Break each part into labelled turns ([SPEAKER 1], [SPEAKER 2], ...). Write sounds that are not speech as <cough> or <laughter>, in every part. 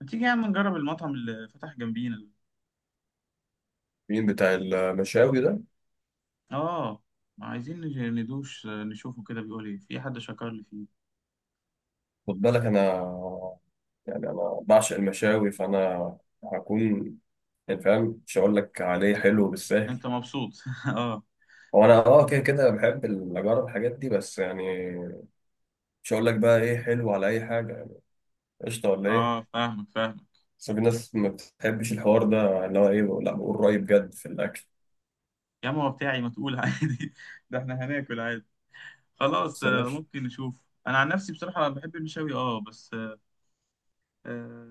[SPEAKER 1] ما تيجي يا عم نجرب المطعم اللي فتح جنبينا؟
[SPEAKER 2] مين بتاع المشاوي ده؟
[SPEAKER 1] اه. ندوش نشوفه كده، بيقول ايه، في حد شكر لي فيه.
[SPEAKER 2] خد بالك، انا يعني انا بعشق المشاوي، فانا هكون يعني فاهم. مش هقول لك عليه حلو بالسهل.
[SPEAKER 1] انت مبسوط؟ <laughs> اه.
[SPEAKER 2] هو انا كده كده بحب اجرب الحاجات دي، بس يعني مش هقول لك بقى ايه حلو على اي حاجه، يعني قشطه ولا ايه؟
[SPEAKER 1] اه، فاهمك فاهمك.
[SPEAKER 2] بس في ناس ما بتحبش الحوار ده، اللي هو ايه، لا بقول رايي بجد في الاكل.
[SPEAKER 1] يا عم هو بتاعي، ما تقول عادي. <laughs> ده احنا هناكل عادي. خلاص
[SPEAKER 2] بس ماشي.
[SPEAKER 1] ممكن نشوف. انا عن نفسي بصراحة بحب المشاوي اه، بس آه،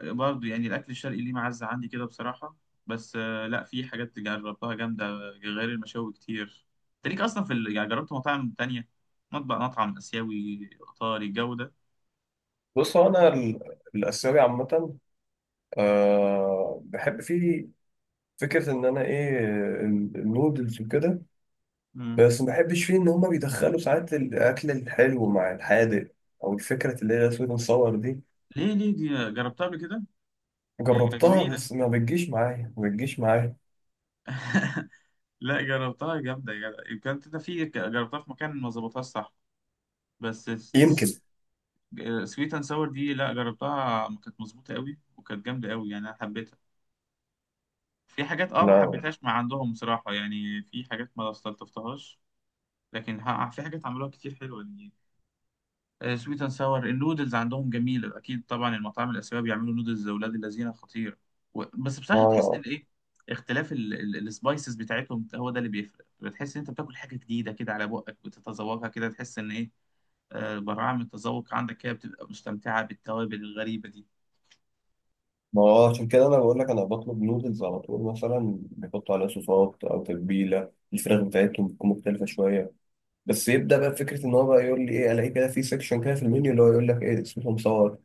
[SPEAKER 1] برضو يعني الأكل الشرقي ليه معزة عندي كده بصراحة. بس لا، في حاجات جربتها جامدة غير المشاوي كتير. انت ليك أصلا في يعني جربت مطاعم تانية؟ مطعم آسيوي، إيطالي، الجو ده.
[SPEAKER 2] بص، هو انا الاسيوي عامه، بحب فيه، فكره ان انا ايه، النودلز وكده.
[SPEAKER 1] مم.
[SPEAKER 2] بس ما بحبش فيه إن هما بيدخلوا ساعات الأكل الحلو مع الحادق، أو الفكرة اللي هي سويت مصور دي.
[SPEAKER 1] ليه؟ ليه دي؟ جربتها قبل كده؟
[SPEAKER 2] جربتها
[SPEAKER 1] جميلة.
[SPEAKER 2] بس ما بتجيش معايا، ما بتجيش معايا.
[SPEAKER 1] لا، جربتها جامدة يا جدع. كانت انت في ك- جربتها في مكان ما ظبطهاش صح، بس.
[SPEAKER 2] يمكن.
[SPEAKER 1] سويت اند ساور دي، لا جربتها كانت مظبوطة قوي وكانت جامدة قوي، يعني أنا حبيتها. في حاجات اه ما
[SPEAKER 2] لا،
[SPEAKER 1] حبيتهاش مع عندهم بصراحة، يعني في حاجات ما استلطفتهاش. لكن ها، في حاجات عملوها كتير حلوة يعني. سويت اند ساور النودلز عندهم جميلة، أكيد طبعا المطاعم الآسيوية بيعملوا نودلز لأولاد الذين خطير. بس بصراحة تحس إن
[SPEAKER 2] ما
[SPEAKER 1] إيه، اختلاف السبايسز بتاعتهم هو ده اللي بيفرق. بتحس إن أنت بتاكل حاجة جديدة كده على بقك، بتتذوقها كده تحس إن إيه، براعة من التذوق عندك كده، بتبقى مستمتعة بالتوابل الغريبة دي.
[SPEAKER 2] ما هو عشان كده أنا بقول لك أنا بطلب نودلز على طول، مثلا بيحطوا عليها صوصات أو تتبيلة الفراخ بتاعتهم بتكون مختلفة شوية. بس يبدأ بقى فكرة إن هو بقى يقول لي إيه، ألاقي كده في سيكشن كده في المنيو اللي هو يقول لك إيه اسمه مصور.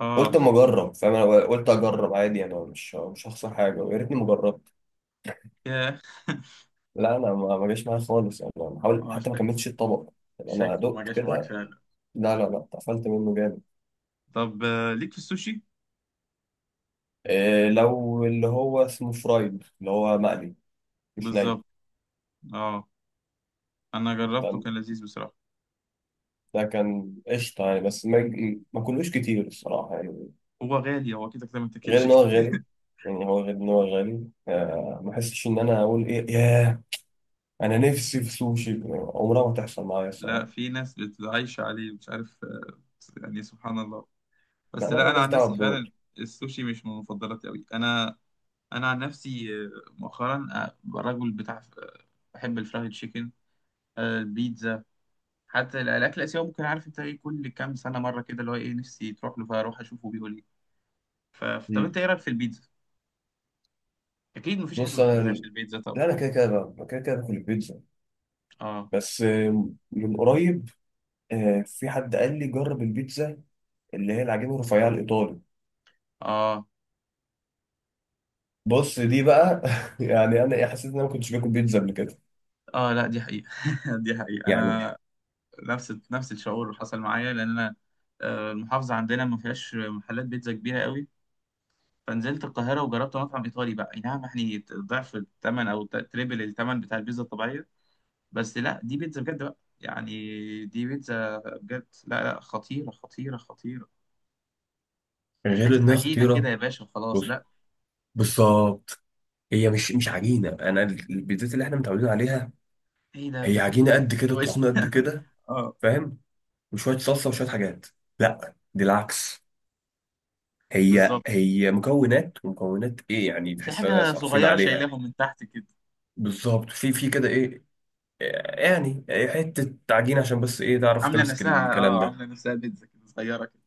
[SPEAKER 1] اه.
[SPEAKER 2] قلت أما أجرب، فاهم، أنا قلت أجرب عادي، أنا مش هخسر حاجة، ويا ريتني مجرب.
[SPEAKER 1] <laughs> ياه.
[SPEAKER 2] لا انا ما جاش معايا خالص، يعني انا حاول
[SPEAKER 1] اه،
[SPEAKER 2] حتى ما كملتش الطبق. يعني انا
[SPEAKER 1] شكله ما
[SPEAKER 2] دقت
[SPEAKER 1] جاش معاك
[SPEAKER 2] كده.
[SPEAKER 1] فعلا.
[SPEAKER 2] لا، لا، لا، اتقفلت منه جامد.
[SPEAKER 1] طب ليك في السوشي؟
[SPEAKER 2] إيه، لو اللي هو اسمه فرايد، اللي هو مقلي، مش ني.
[SPEAKER 1] بالظبط. اه. انا جربته،
[SPEAKER 2] فاهم؟
[SPEAKER 1] كان لذيذ بصراحه.
[SPEAKER 2] ده كان قشطه يعني، بس ما كلوش كتير الصراحه يعني.
[SPEAKER 1] هو غالي، هو كده كده ما
[SPEAKER 2] غير
[SPEAKER 1] تاكلش
[SPEAKER 2] ان هو
[SPEAKER 1] كتير.
[SPEAKER 2] غالي.
[SPEAKER 1] <laughs>
[SPEAKER 2] يعني هو غير ان هو غالي، ما احسش ان انا اقول ايه. ياه، انا نفسي في سوشي يعني عمرها ما تحصل معايا
[SPEAKER 1] لا،
[SPEAKER 2] الصراحه.
[SPEAKER 1] في ناس بتعيش عليه، مش عارف يعني سبحان الله.
[SPEAKER 2] لا
[SPEAKER 1] بس
[SPEAKER 2] انا
[SPEAKER 1] لا، انا
[SPEAKER 2] مالناش
[SPEAKER 1] عن
[SPEAKER 2] دعوه
[SPEAKER 1] نفسي فعلا
[SPEAKER 2] بدول.
[SPEAKER 1] السوشي مش من مفضلاتي قوي انا. انا عن نفسي مؤخرا رجل بتاع بحب الفرايد تشيكن، البيتزا. حتى الاكل الاسيوي ممكن، عارف انت ايه، كل كام سنه مره كده اللي هو ايه نفسي تروح له، فاروح اشوفه بيقول ايه. ف- طب
[SPEAKER 2] مم.
[SPEAKER 1] انت ايه رايك في البيتزا؟ اكيد مفيش حد ما
[SPEAKER 2] بص
[SPEAKER 1] بيحبهاش
[SPEAKER 2] انا،
[SPEAKER 1] البيتزا طبعا.
[SPEAKER 2] لا انا كده كده، كده كده باكل البيتزا.
[SPEAKER 1] اه
[SPEAKER 2] بس من قريب، في حد قال لي جرب البيتزا اللي هي العجينه الرفيعه الايطالي.
[SPEAKER 1] اه
[SPEAKER 2] بص دي بقى <laughs> يعني انا إيه، حسيت ان انا ما كنتش باكل بيتزا قبل كده.
[SPEAKER 1] اه. لا دي حقيقة. <laughs> دي حقيقة.
[SPEAKER 2] يعني
[SPEAKER 1] انا نفس نفس الشعور حصل معايا، لان انا المحافظة عندنا ما فيهاش محلات بيتزا كبيرة قوي. فنزلت القاهرة وجربت مطعم ايطالي بقى، اي نعم يعني ضعف الثمن او تريبل الثمن بتاع البيتزا الطبيعية. بس لا، دي بيتزا بجد بقى يعني. دي بيتزا بجد، لا لا، خطيرة خطيرة خطيرة. مش
[SPEAKER 2] غير
[SPEAKER 1] حتة
[SPEAKER 2] انها
[SPEAKER 1] عجينة كده
[SPEAKER 2] خطيره.
[SPEAKER 1] يا باشا وخلاص،
[SPEAKER 2] بص،
[SPEAKER 1] لا.
[SPEAKER 2] بالظبط. هي مش عجينه، انا البيتزات اللي احنا متعودين عليها.
[SPEAKER 1] ايه ده، انت
[SPEAKER 2] هي عجينه
[SPEAKER 1] بتاكل
[SPEAKER 2] قد كده،
[SPEAKER 1] سندوتش؟
[SPEAKER 2] تخنه قد
[SPEAKER 1] <laughs>
[SPEAKER 2] كده،
[SPEAKER 1] اه،
[SPEAKER 2] فاهم، وشويه صلصه وشويه حاجات. لا، دي العكس. هي
[SPEAKER 1] بالظبط.
[SPEAKER 2] هي مكونات، ومكونات ايه يعني،
[SPEAKER 1] وفي
[SPEAKER 2] تحس ان احنا
[SPEAKER 1] حاجة
[SPEAKER 2] صارفين
[SPEAKER 1] صغيرة
[SPEAKER 2] عليها.
[SPEAKER 1] شايلاهم من تحت كده.
[SPEAKER 2] بالظبط، في كده ايه يعني حتة تعجين عشان بس ايه تعرف تمسك الكلام ده.
[SPEAKER 1] عامله نفسها بيتزا كده صغيره كده.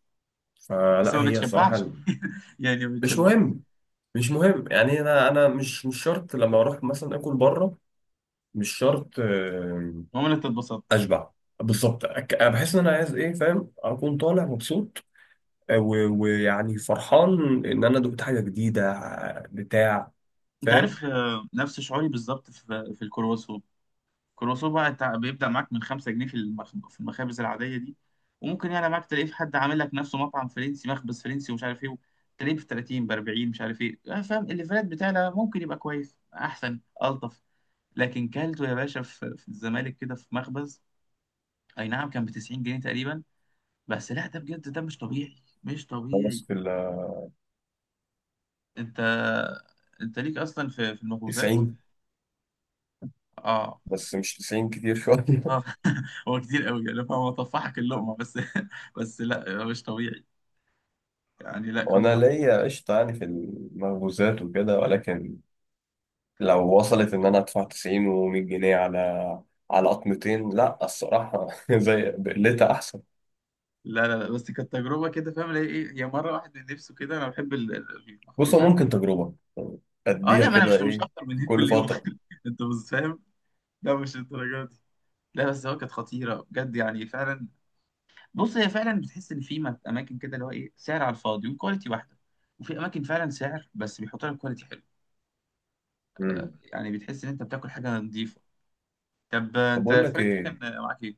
[SPEAKER 1] بس
[SPEAKER 2] فلا
[SPEAKER 1] ما
[SPEAKER 2] هي
[SPEAKER 1] بتشبعش،
[SPEAKER 2] الصراحة،
[SPEAKER 1] <laughs> يعني ما
[SPEAKER 2] مش
[SPEAKER 1] بتشبعش.
[SPEAKER 2] مهم، مش مهم. يعني انا مش شرط لما اروح مثلا اكل بره. مش شرط
[SPEAKER 1] عمري ما اتبسطت.
[SPEAKER 2] اشبع. بالظبط. بحس ان انا عايز ايه، فاهم، اكون طالع مبسوط، ويعني فرحان ان انا دقت حاجة جديدة. بتاع،
[SPEAKER 1] انت
[SPEAKER 2] فاهم،
[SPEAKER 1] عارف نفس شعوري بالظبط في في الكرواسون. الكرواسون بقى بيبدأ معاك من 5 جنيه في في المخابز العاديه دي. وممكن يعلى معاك تلاقيه في حد عامل لك نفسه مطعم فرنسي مخبز فرنسي، ومش عارف ايه، تلاقيه في 30 ب 40، مش عارف ايه فاهم الليفرات بتاعنا ممكن يبقى كويس احسن الطف. لكن كلته يا باشا في في الزمالك كده في مخبز، اي نعم، كان ب 90 جنيه تقريبا. بس لا، ده بجد ده مش طبيعي، مش طبيعي.
[SPEAKER 2] خلاص. في ال
[SPEAKER 1] انت، انت ليك اصلا في في المخبوزات؟
[SPEAKER 2] 90،
[SPEAKER 1] اه.
[SPEAKER 2] بس مش 90 كتير شوية
[SPEAKER 1] اه.
[SPEAKER 2] <laughs>
[SPEAKER 1] <laughs> هو كتير قوي يعني، هو طفحك اللقمه بس. <laughs> بس لا، مش طبيعي يعني، لا كان
[SPEAKER 2] وانا
[SPEAKER 1] خطير.
[SPEAKER 2] ليا قشطة يعني في المخبوزات وكده، ولكن لو وصلت ان انا ادفع 90 و100 جنيه على قطمتين، لا الصراحه <laughs> زي بقلتها احسن.
[SPEAKER 1] لا لا لا، بس كانت تجربه كده فاهم اللي هي ايه، هي مره واحد من نفسه كده. انا بحب
[SPEAKER 2] بص، هو
[SPEAKER 1] المخبوزات
[SPEAKER 2] ممكن
[SPEAKER 1] جدا.
[SPEAKER 2] تجربه،
[SPEAKER 1] اه
[SPEAKER 2] اديها
[SPEAKER 1] لا، ما انا
[SPEAKER 2] كده
[SPEAKER 1] مش
[SPEAKER 2] ايه
[SPEAKER 1] هفطر من هيك
[SPEAKER 2] كل
[SPEAKER 1] كل يوم. <laughs>
[SPEAKER 2] فتره.
[SPEAKER 1] انت مش فاهم. لا مش الدرجه دي. لا بس هو كانت خطيره بجد يعني فعلا. بص، هي فعلا بتحس ان في اماكن كده اللي هو ايه، سعر على الفاضي وكواليتي واحده. وفي اماكن فعلا سعر بس بيحط لك كواليتي حلو.
[SPEAKER 2] امم
[SPEAKER 1] يعني بتحس ان انت بتاكل حاجه نظيفه. طب
[SPEAKER 2] طب
[SPEAKER 1] انت
[SPEAKER 2] اقول لك
[SPEAKER 1] الفرايد
[SPEAKER 2] ايه،
[SPEAKER 1] تشيكن معاك ايه؟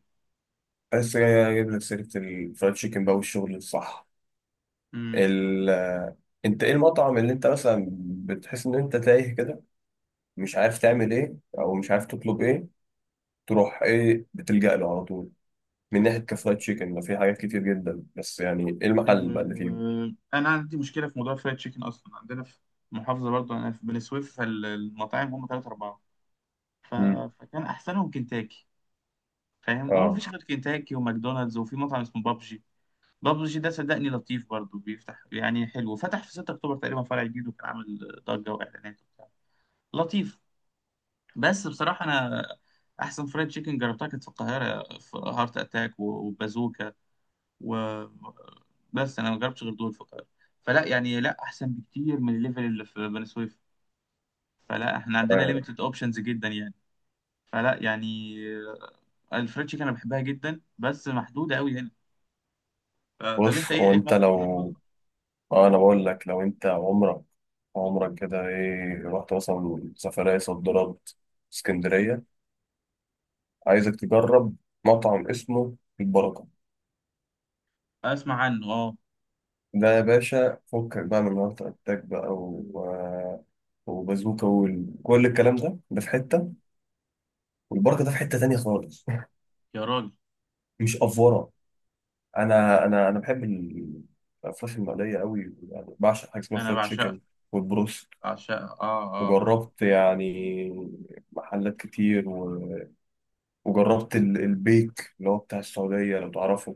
[SPEAKER 2] بس جاي اجيب لك سيره الفرايد تشيكن بقى والشغل الصح.
[SPEAKER 1] امم.
[SPEAKER 2] ال انت ايه المطعم اللي انت مثلا بتحس ان انت تايه كده، مش عارف تعمل ايه او مش عارف تطلب ايه، تروح ايه بتلجأ له على طول، من ناحيه كفرايد تشيكن؟ ده في حاجات كتير جدا، بس يعني ايه المحل بقى اللي
[SPEAKER 1] انا عندي مشكله في موضوع الفرايد تشيكن، اصلا عندنا في محافظه برضو انا في بني سويف، فالمطاعم هم ثلاثه اربعه. ف...
[SPEAKER 2] فيه؟
[SPEAKER 1] فكان احسنهم كنتاكي، فاهم، وما
[SPEAKER 2] اه.
[SPEAKER 1] فيش غير كنتاكي وماكدونالدز، وفي مطعم اسمه بابجي. بابجي ده صدقني لطيف برضو، بيفتح يعني حلو، فتح في 6 اكتوبر تقريبا فرع جديد، وكان عامل ضجه واعلانات وبتاع، لطيف. بس بصراحه انا احسن فرايد تشيكن جربتها كانت في القاهره، في هارت اتاك و- وبازوكا، و، بس انا ما جربتش غير دول في القاهره. فلا يعني، لا، احسن بكتير من الليفل اللي في بني سويف. فلا، احنا عندنا
[SPEAKER 2] آه.
[SPEAKER 1] ليميتد اوبشنز جدا يعني. فلا يعني، الفرايد تشيكن انا بحبها جدا، بس محدوده قوي هنا. طب انت
[SPEAKER 2] بص،
[SPEAKER 1] ايه،
[SPEAKER 2] هو
[SPEAKER 1] ايه
[SPEAKER 2] انت
[SPEAKER 1] المطعم
[SPEAKER 2] لو
[SPEAKER 1] المفضل؟
[SPEAKER 2] انا بقول لك، لو انت عمرك كده ايه رحت مثلا سفرية صد رد اسكندرية، عايزك تجرب مطعم اسمه البركة.
[SPEAKER 1] اسمع عنه، اه.
[SPEAKER 2] ده يا باشا فكك بقى من وقت اتاك بقى و... آه، وبازوكا وكل الكلام ده، ده في حتة، والبركة ده في حتة تانية خالص <laughs>
[SPEAKER 1] يا راجل!
[SPEAKER 2] مش أفورة. أنا بحب الفراخ المقلية أوي، يعني بعشق حاجة اسمها
[SPEAKER 1] انا
[SPEAKER 2] فريد
[SPEAKER 1] بعشقها،
[SPEAKER 2] تشيكن والبروست.
[SPEAKER 1] بعشقها اه اه اه.
[SPEAKER 2] وجربت يعني محلات كتير وجربت البيك اللي هو بتاع السعودية لو تعرفه.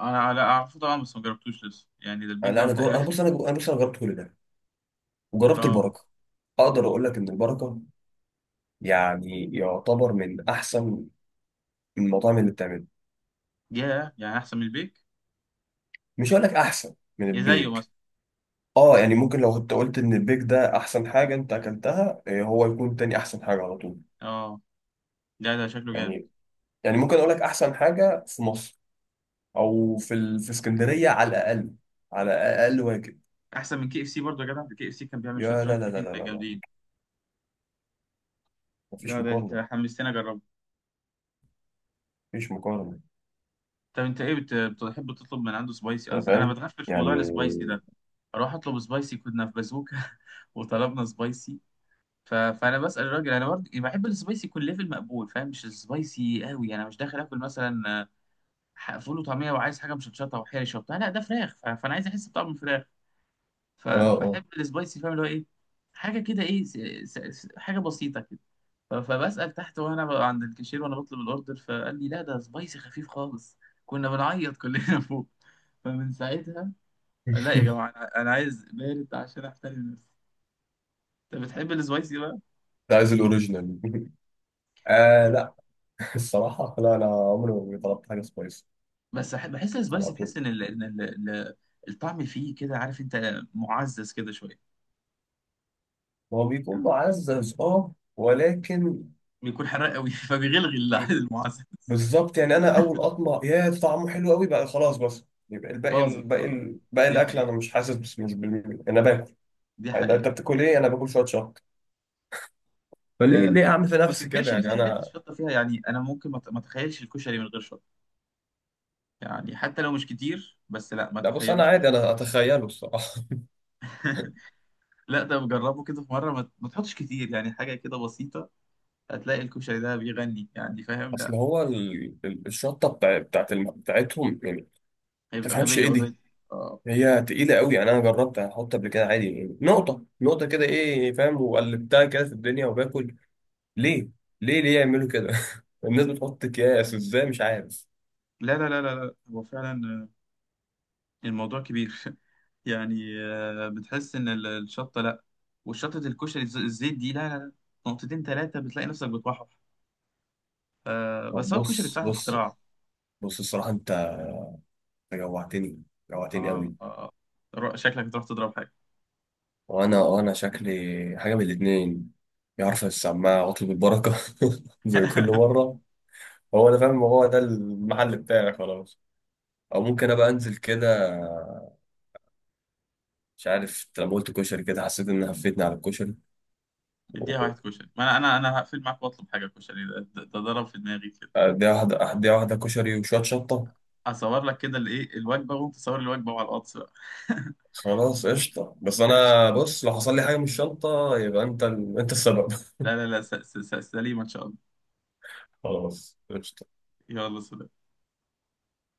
[SPEAKER 1] انا لا اعرفه طبعا، بس ما جربتوش لسه يعني، ده
[SPEAKER 2] أنا
[SPEAKER 1] البيك
[SPEAKER 2] لا،
[SPEAKER 1] ده
[SPEAKER 2] أنا أنا
[SPEAKER 1] تقريبا؟
[SPEAKER 2] بص، أنا أنا بص، أنا جربت كل ده
[SPEAKER 1] <laughs>
[SPEAKER 2] وجربت
[SPEAKER 1] اه.
[SPEAKER 2] البركة. أقدر أقول لك إن البركة يعني يعتبر من أحسن المطاعم اللي بتعمله.
[SPEAKER 1] ياه، يعني احسن من البيك؟
[SPEAKER 2] مش هقول لك أحسن من
[SPEAKER 1] يا زيه
[SPEAKER 2] البيك.
[SPEAKER 1] مثلا؟
[SPEAKER 2] يعني ممكن، لو كنت قلت إن البيك ده أحسن حاجة أنت أكلتها، إيه، هو يكون تاني أحسن حاجة على طول.
[SPEAKER 1] اه، ده ده شكله جامد.
[SPEAKER 2] يعني ممكن أقول لك أحسن حاجة في مصر، أو في اسكندرية على الأقل، على أقل واجب.
[SPEAKER 1] احسن من كي اف سي برضه يا جدع! كي اف سي كان بيعمل شويه
[SPEAKER 2] يا،
[SPEAKER 1] فرايد
[SPEAKER 2] لا، لا، لا، لا، لا،
[SPEAKER 1] تشيكن
[SPEAKER 2] لا،
[SPEAKER 1] جامدين. ده
[SPEAKER 2] مفيش
[SPEAKER 1] ده انت
[SPEAKER 2] مقارنة.
[SPEAKER 1] حمستني اجربه.
[SPEAKER 2] مفيش مقارنة.
[SPEAKER 1] طب انت ايه بتحب تطلب من عنده سبايسي؟
[SPEAKER 2] أنت
[SPEAKER 1] أصل انا
[SPEAKER 2] فاهم
[SPEAKER 1] بتغفل في
[SPEAKER 2] يعني.
[SPEAKER 1] موضوع السبايسي ده. اروح اطلب سبايسي، كنا في بازوكا <laughs> وطلبنا سبايسي. فانا بسال الراجل انا برضه يعني بحب السبايسي يكون ليفل مقبول، فاهم، مش السبايسي قوي. انا مش داخل اكل مثلا فول وطعميه وعايز حاجه مشطشطه وحرشه وبتاع، لا ده فراخ. فانا عايز احس بطعم الفراخ،
[SPEAKER 2] اه، اه
[SPEAKER 1] فبحب السبايسي فاهم اللي هو ايه، حاجه كده ايه حاجه بسيطه كده. فبسال تحت وانا عند الكاشير وانا بطلب الاوردر، فقال لي لا، ده سبايسي خفيف خالص. كنا بنعيط كلنا <laughs> فوق. فمن ساعتها، لا يا
[SPEAKER 2] <laughs>
[SPEAKER 1] جماعه، انا عايز بارد عشان احترم نفسي. انت بتحب السبايسي بقى؟
[SPEAKER 2] ده عايز الاوريجينال <laughs> آه،
[SPEAKER 1] آه.
[SPEAKER 2] لا <laughs> الصراحة لا، أنا عمري ما طلبت حاجة سبايسي
[SPEAKER 1] بس بحس
[SPEAKER 2] على
[SPEAKER 1] السبايسي
[SPEAKER 2] طول.
[SPEAKER 1] تحس ان ال... إن ال... ال- الطعم فيه كده عارف انت، معزز كده شويه.
[SPEAKER 2] هو بيكون معزز اه، ولكن
[SPEAKER 1] بيكون حراق قوي <laughs> فبيغلغي
[SPEAKER 2] بيكون
[SPEAKER 1] المعزز.
[SPEAKER 2] بالظبط. يعني أنا أول أطمع يا ده طعمه حلو قوي بقى خلاص، بس يبقى الباقي
[SPEAKER 1] باظت اه،
[SPEAKER 2] الباقي باقي
[SPEAKER 1] دي
[SPEAKER 2] الأكل أنا
[SPEAKER 1] حقيقة،
[SPEAKER 2] مش حاسس، بس مش بال... أنا باكل.
[SPEAKER 1] دي
[SPEAKER 2] يعني أنت
[SPEAKER 1] حقيقة.
[SPEAKER 2] بتاكل إيه؟ أنا باكل شوية شطة.
[SPEAKER 1] لا
[SPEAKER 2] فليه
[SPEAKER 1] لا،
[SPEAKER 2] ليه أعمل في
[SPEAKER 1] ما
[SPEAKER 2] نفسي
[SPEAKER 1] تنكرش
[SPEAKER 2] كده
[SPEAKER 1] ان في
[SPEAKER 2] يعني
[SPEAKER 1] حاجات
[SPEAKER 2] أنا؟
[SPEAKER 1] الشطة فيها، يعني انا ممكن ما اتخيلش الكشري من غير شطة. يعني حتى لو مش كتير بس لا، ما
[SPEAKER 2] لا، بص أنا
[SPEAKER 1] تخيلوش من.
[SPEAKER 2] عادي أنا أتخيله الصراحة.
[SPEAKER 1] لا، ده بجربه كده في مرة، ما تحطش كتير يعني، حاجة كده بسيطة، هتلاقي الكشري ده بيغني يعني، فاهم،
[SPEAKER 2] اصل
[SPEAKER 1] لا
[SPEAKER 2] هو الشطه بتاعتهم يعني ما
[SPEAKER 1] هيبقى
[SPEAKER 2] تفهمش
[SPEAKER 1] غبية
[SPEAKER 2] ايه دي.
[SPEAKER 1] اوريدي. اه،
[SPEAKER 2] هي تقيله قوي. يعني انا جربت احط قبل كده عادي يعني نقطه نقطه كده ايه، فاهم، وقلبتها كده في الدنيا وباكل. ليه، ليه، ليه يعملوا كده؟ <laughs> الناس بتحط اكياس ازاي مش عارف.
[SPEAKER 1] لا لا لا لا لا. هو فعلا الموضوع كبير. <laughs> يعني بتحس ان الشطه، لا، والشطه الكشري الزيت دي لا لا لا. نقطتين ثلاثه بتلاقي نفسك بتوحش بس
[SPEAKER 2] طب،
[SPEAKER 1] هو الكشري
[SPEAKER 2] بص،
[SPEAKER 1] بصراحه
[SPEAKER 2] بص،
[SPEAKER 1] اختراع.
[SPEAKER 2] بص، الصراحه انت جوعتني، جوعتني
[SPEAKER 1] آه،
[SPEAKER 2] قوي.
[SPEAKER 1] آه، شكلك تروح تضرب حاجه.
[SPEAKER 2] وانا، شكلي حاجه من الاتنين، يا عارف السماعه واطلب البركه <laughs> زي كل
[SPEAKER 1] <laughs>
[SPEAKER 2] مره. هو انا فاهم هو ده المحل بتاعي خلاص، او ممكن ابقى انزل كده. مش عارف. أنت لما قلت كشري كده حسيت ان هفتني على الكشري.
[SPEAKER 1] اديها واحد كشري، ما انا هقفل معاك واطلب حاجه، كشري ده ده ضرب في دماغي كده.
[SPEAKER 2] اديها واحده، اديها واحده كشري وشويه شطه.
[SPEAKER 1] هصور لك كده الايه الوجبه، وانت صور الوجبه وعلى الواتس بقى. <laughs>
[SPEAKER 2] خلاص قشطه. بس انا بص، لو حصل لي حاجه من الشنطه يبقى انت انت السبب.
[SPEAKER 1] لا لا لا سليمه ان شاء الله.
[SPEAKER 2] <laughs> خلاص قشطه.
[SPEAKER 1] يلا سلام.